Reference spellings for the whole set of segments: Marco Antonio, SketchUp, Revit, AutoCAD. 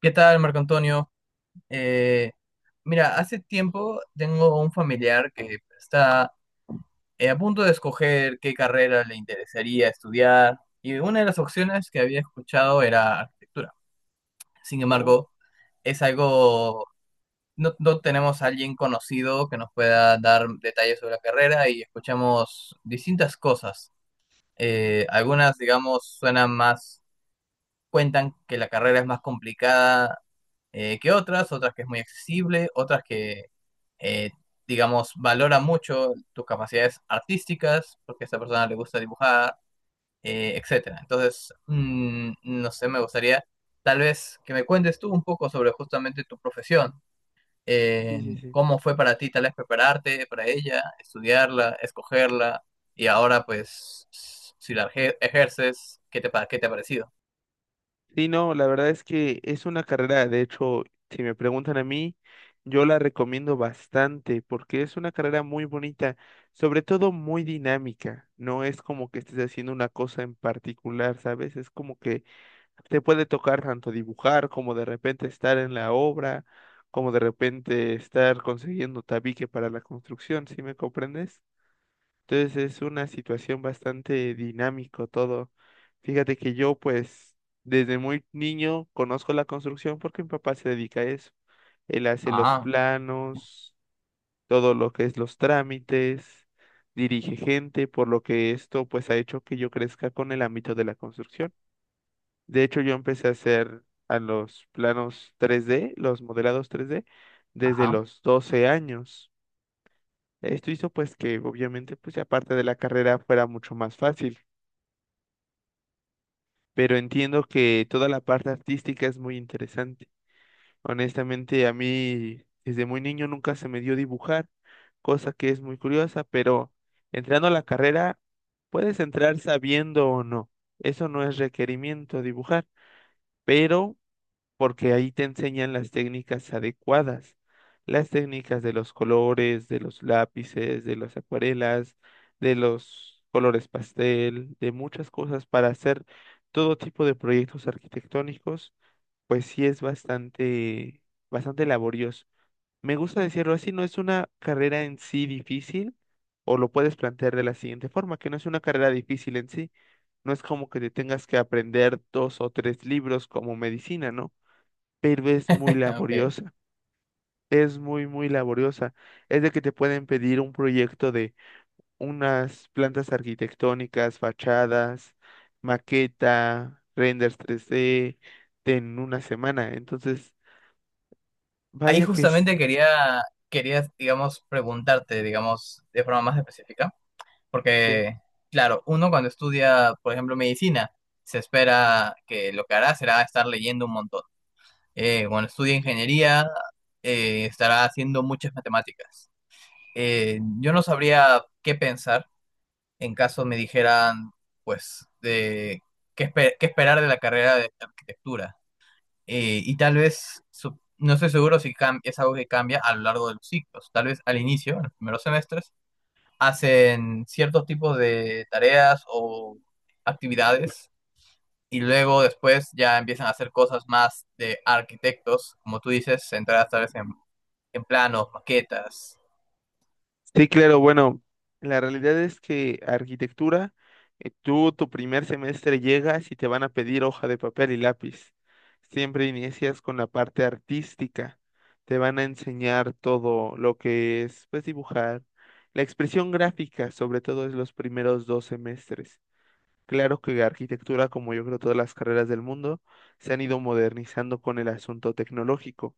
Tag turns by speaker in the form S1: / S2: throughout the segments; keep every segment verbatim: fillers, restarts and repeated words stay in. S1: ¿Qué tal, Marco Antonio? Eh, Mira, hace tiempo tengo un familiar que está eh, a punto de escoger qué carrera le interesaría estudiar y una de las opciones que había escuchado era arquitectura. Sin
S2: Oh,
S1: embargo, es algo, no, no tenemos a alguien conocido que nos pueda dar detalles sobre la carrera y escuchamos distintas cosas. Eh, algunas, digamos, suenan más, cuentan que la carrera es más complicada, eh, que otras, otras que es muy accesible, otras que, eh, digamos, valora mucho tus capacidades artísticas, porque a esa persona le gusta dibujar, eh, etcétera. Entonces, mm, no sé, me gustaría tal vez que me cuentes tú un poco sobre justamente tu profesión.
S2: sí,
S1: eh,
S2: sí, sí.
S1: ¿Cómo fue para ti tal vez prepararte para ella, estudiarla, escogerla, y ahora pues si la ejer- ejerces, ¿qué te, pa- qué te ha parecido?
S2: Sí, no, la verdad es que es una carrera, de hecho, si me preguntan a mí, yo la recomiendo bastante porque es una carrera muy bonita, sobre todo muy dinámica. No es como que estés haciendo una cosa en particular, ¿sabes? Es como que te puede tocar tanto dibujar como de repente estar en la obra, como de repente estar consiguiendo tabique para la construcción, ¿sí me comprendes? Entonces es una situación bastante dinámico todo. Fíjate que yo pues desde muy niño conozco la construcción porque mi papá se dedica a eso. Él hace los
S1: Ah,
S2: planos, todo lo que es los trámites, dirige gente, por lo que esto pues ha hecho que yo crezca con el ámbito de la construcción. De hecho yo empecé a hacer a los planos tres D, los modelados tres D, desde
S1: ajá.
S2: los doce años. Esto hizo pues que obviamente pues aparte de la carrera fuera mucho más fácil, pero entiendo que toda la parte artística es muy interesante. Honestamente, a mí desde muy niño nunca se me dio dibujar, cosa que es muy curiosa, pero entrando a la carrera, puedes entrar sabiendo o no. Eso no es requerimiento dibujar, pero porque ahí te enseñan las técnicas adecuadas, las técnicas de los colores, de los lápices, de las acuarelas, de los colores pastel, de muchas cosas para hacer todo tipo de proyectos arquitectónicos, pues sí es bastante, bastante laborioso. Me gusta decirlo así, no es una carrera en sí difícil, o lo puedes plantear de la siguiente forma, que no es una carrera difícil en sí, no es como que te tengas que aprender dos o tres libros como medicina, ¿no? Pero es muy
S1: Ok.
S2: laboriosa. Es muy, muy laboriosa. Es de que te pueden pedir un proyecto de unas plantas arquitectónicas, fachadas, maqueta, renders tres d en una semana. Entonces,
S1: Ahí
S2: vaya que sí.
S1: justamente quería, quería, digamos, preguntarte, digamos, de forma más específica,
S2: Sí.
S1: porque, claro, uno cuando estudia, por ejemplo, medicina, se espera que lo que hará será estar leyendo un montón. Eh, cuando estudia ingeniería, eh, estará haciendo muchas matemáticas. Eh, yo no sabría qué pensar en caso me dijeran, pues, de qué, espe- qué esperar de la carrera de arquitectura. Eh, y tal vez, su- no estoy seguro si cam- es algo que cambia a lo largo de los ciclos. Tal vez al inicio, en los primeros semestres, hacen ciertos tipos de tareas o actividades y luego después ya empiezan a hacer cosas más de arquitectos, como tú dices, centradas tal vez en, en planos, maquetas.
S2: Sí, claro, bueno, la realidad es que arquitectura, eh, tú tu primer semestre llegas y te van a pedir hoja de papel y lápiz. Siempre inicias con la parte artística. Te van a enseñar todo lo que es, pues, dibujar. La expresión gráfica, sobre todo, es los primeros dos semestres. Claro que la arquitectura, como yo creo todas las carreras del mundo, se han ido modernizando con el asunto tecnológico.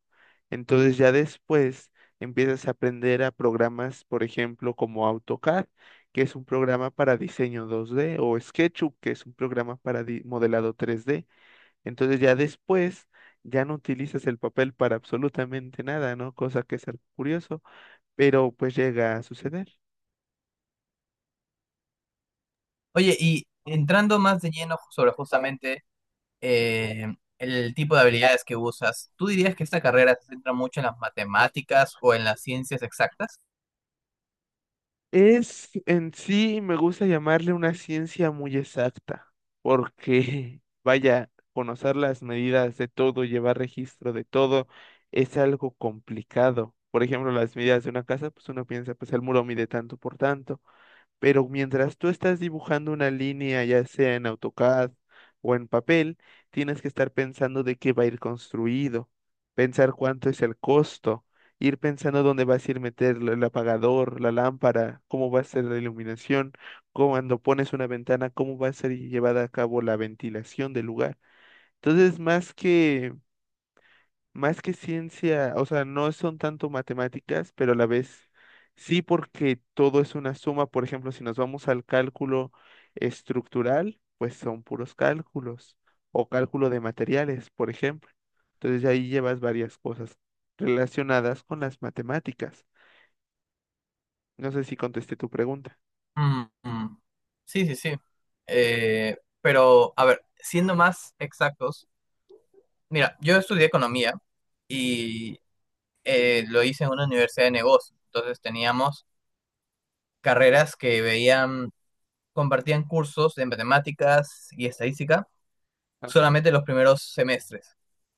S2: Entonces ya después empiezas a aprender a programas, por ejemplo, como AutoCAD, que es un programa para diseño dos D, o SketchUp, que es un programa para di- modelado tres D. Entonces ya después ya no utilizas el papel para absolutamente nada, ¿no? Cosa que es algo curioso, pero pues llega a suceder.
S1: Oye, y entrando más de lleno sobre justamente eh, el tipo de habilidades que usas, ¿tú dirías que esta carrera se centra mucho en las matemáticas o en las ciencias exactas?
S2: Es en sí, me gusta llamarle una ciencia muy exacta, porque vaya, conocer las medidas de todo, llevar registro de todo, es algo complicado. Por ejemplo, las medidas de una casa, pues uno piensa, pues el muro mide tanto por tanto. Pero mientras tú estás dibujando una línea, ya sea en AutoCAD o en papel, tienes que estar pensando de qué va a ir construido, pensar cuánto es el costo, ir pensando dónde vas a ir meter el apagador, la lámpara, cómo va a ser la iluminación, cómo- cuando pones una ventana, cómo va a ser llevada a cabo la ventilación del lugar. Entonces, más que más que ciencia, o sea, no son tanto matemáticas, pero a la vez sí porque todo es una suma. Por ejemplo, si nos vamos al cálculo estructural, pues son puros cálculos o cálculo de materiales, por ejemplo. Entonces ahí llevas varias cosas relacionadas con las matemáticas. No sé si contesté tu pregunta.
S1: Mm, mm. Sí, sí, sí. Eh, pero, a ver, siendo más exactos, mira, yo estudié economía y eh, lo hice en una universidad de negocios. Entonces teníamos carreras que veían, compartían cursos de matemáticas y estadística
S2: Ajá.
S1: solamente los primeros semestres.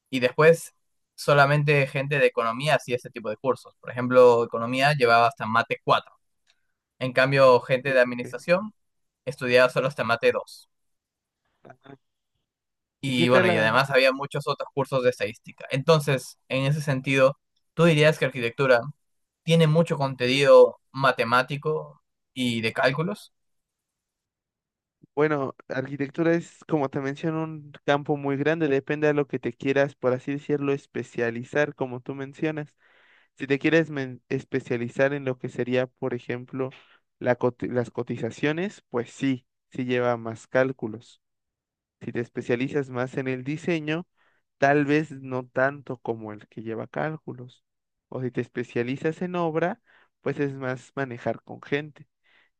S1: Y después solamente gente de economía hacía ese tipo de cursos. Por ejemplo, economía llevaba hasta mate cuatro. En cambio,
S2: Sí,
S1: gente de
S2: sí.
S1: administración estudiaba solo hasta mate dos.
S2: ¿Y qué
S1: Y
S2: tal
S1: bueno, y
S2: la-
S1: además había muchos otros cursos de estadística. Entonces, en ese sentido, ¿tú dirías que arquitectura tiene mucho contenido matemático y de cálculos?
S2: bueno, arquitectura es, como te menciono, un campo muy grande, depende de lo que te quieras, por así decirlo, especializar, como tú mencionas. Si te quieres men- especializar en lo que sería, por ejemplo, la coti- las cotizaciones, pues sí, sí lleva más cálculos. Si te especializas más en el diseño, tal vez no tanto como el que lleva cálculos. O si te especializas en obra, pues es más manejar con gente.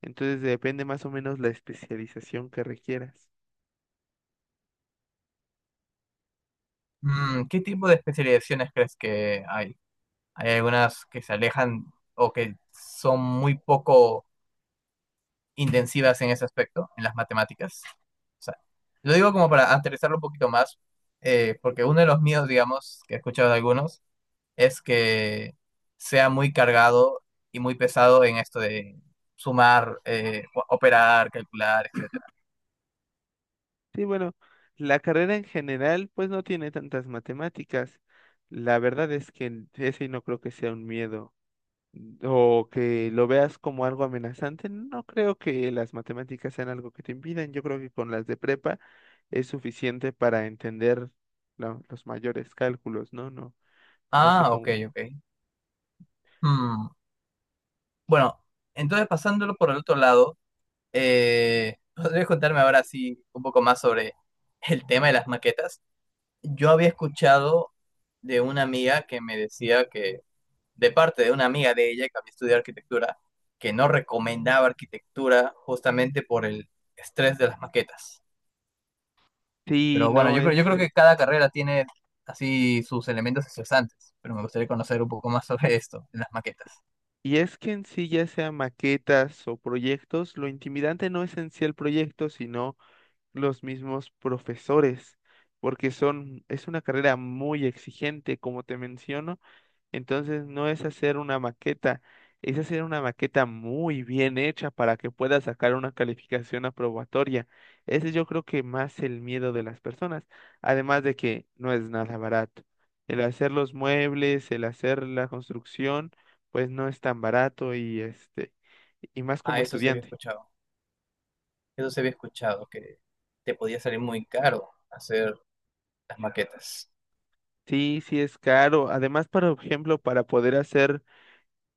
S2: Entonces depende más o menos la especialización que requieras.
S1: Mm, ¿qué tipo de especializaciones crees que hay? Hay algunas que se alejan o que son muy poco intensivas en ese aspecto, en las matemáticas. O sea, lo digo como para aterrizarlo un poquito más, eh, porque uno de los míos, digamos, que he escuchado de algunos, es que sea muy cargado y muy pesado en esto de sumar, eh, o- operar, calcular, etcétera.
S2: Sí, bueno, la carrera en general pues no tiene tantas matemáticas. La verdad es que ese no creo que sea un miedo mm, o que lo veas como algo amenazante. No creo que las matemáticas sean algo que te impidan. Yo creo que con las de prepa es suficiente para entender la- los mayores cálculos, ¿no? No, no sé
S1: Ah, ok,
S2: cómo.
S1: ok. Hmm. Bueno, entonces pasándolo por el otro lado, eh, ¿podrías contarme ahora sí un poco más sobre el tema de las maquetas? Yo había escuchado de una amiga que me decía que, de parte de una amiga de ella que había estudiado arquitectura, que no recomendaba arquitectura justamente por el estrés de las maquetas.
S2: Sí,
S1: Pero bueno,
S2: no
S1: yo creo, yo
S2: es
S1: creo
S2: que...
S1: que cada carrera tiene así sus elementos estresantes, pero me gustaría conocer un poco más sobre esto, en las maquetas.
S2: Y es que en sí ya sea maquetas o proyectos, lo intimidante no es en sí el proyecto, sino los mismos profesores, porque son, es una carrera muy exigente, como te menciono, entonces no es hacer una maqueta, es hacer una maqueta muy bien hecha para que pueda sacar una calificación aprobatoria. Ese yo creo que más el miedo de las personas, además de que no es nada barato. El hacer los muebles, el hacer la construcción, pues no es tan barato y este, y más como
S1: Ah, eso se había
S2: estudiante.
S1: escuchado. Eso se había escuchado, que te podía salir muy caro hacer las maquetas.
S2: Sí, sí es caro. Además, para- por ejemplo, para poder hacer,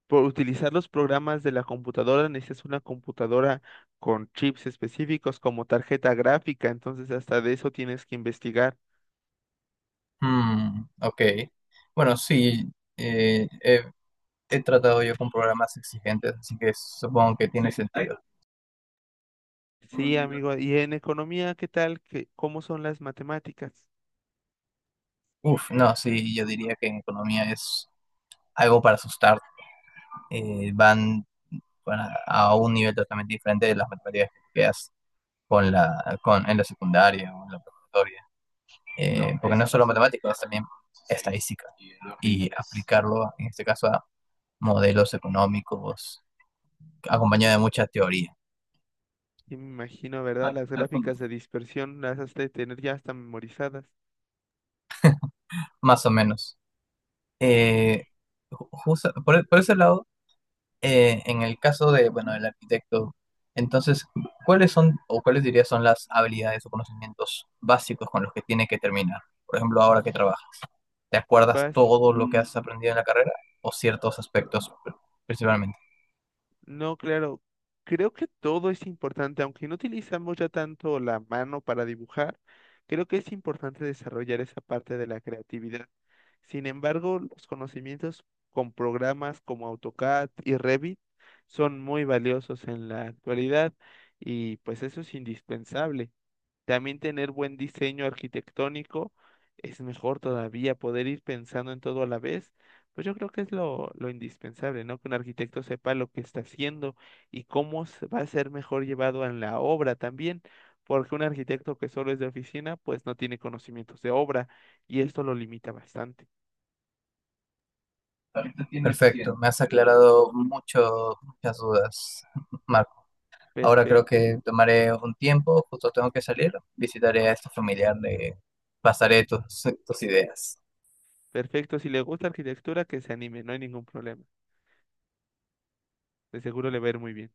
S2: por utilizar los programas de la computadora, necesitas una computadora con chips específicos como tarjeta gráfica, entonces hasta de eso tienes que investigar.
S1: Hmm, ok. Bueno, sí, eh, he, he tratado yo con programas exigentes, así que supongo que tiene sentido.
S2: Sí, amigo. ¿Y en economía, qué tal? ¿Qué, cómo son las matemáticas?
S1: Uf, no, sí, yo diría que en economía es algo para asustar. Eh, van para- a un nivel totalmente diferente de las matemáticas que has con la, con, en la secundaria o en la preparatoria. Eh, porque no es solo matemáticas, es también estadística. Y aplicarlo, en este caso, a modelos económicos, acompañado de mucha teoría,
S2: Sí, me imagino, ¿verdad? Las gráficas de dispersión las has de tener ya hasta memorizadas.
S1: más o menos.
S2: Sí,
S1: Eh, ju- justo- por, por ese lado, eh, en el caso de, bueno, del arquitecto, entonces, ¿cuáles son o cuáles dirías son las habilidades o conocimientos básicos con los que tiene que terminar? Por ejemplo, ahora que trabaja. ¿Te acuerdas
S2: Vas
S1: todo lo que has aprendido en la carrera o ciertos aspectos pr- principalmente?
S2: no, claro. Creo que todo es importante, aunque no utilizamos ya tanto la mano para dibujar, creo que es importante desarrollar esa parte de la creatividad. Sin embargo, los conocimientos con programas como AutoCAD y Revit son muy valiosos en la actualidad y pues eso es indispensable. También tener buen diseño arquitectónico es mejor todavía, poder ir pensando en todo a la vez. Pues yo creo que es lo, lo indispensable, ¿no? Que un arquitecto sepa lo que está haciendo y cómo se- va a ser mejor llevado en la obra también, porque un arquitecto que solo es de oficina, pues no tiene conocimientos de obra y esto lo limita bastante.
S1: Perfecto, me has aclarado mucho, muchas dudas, Marco. Ahora creo
S2: Perfecto,
S1: que tomaré un tiempo, justo tengo que salir, visitaré a este familiar, le pasaré tus, tus ideas.
S2: perfecto. Si le gusta arquitectura, que se anime, no hay ningún problema. De seguro le va a ir muy bien.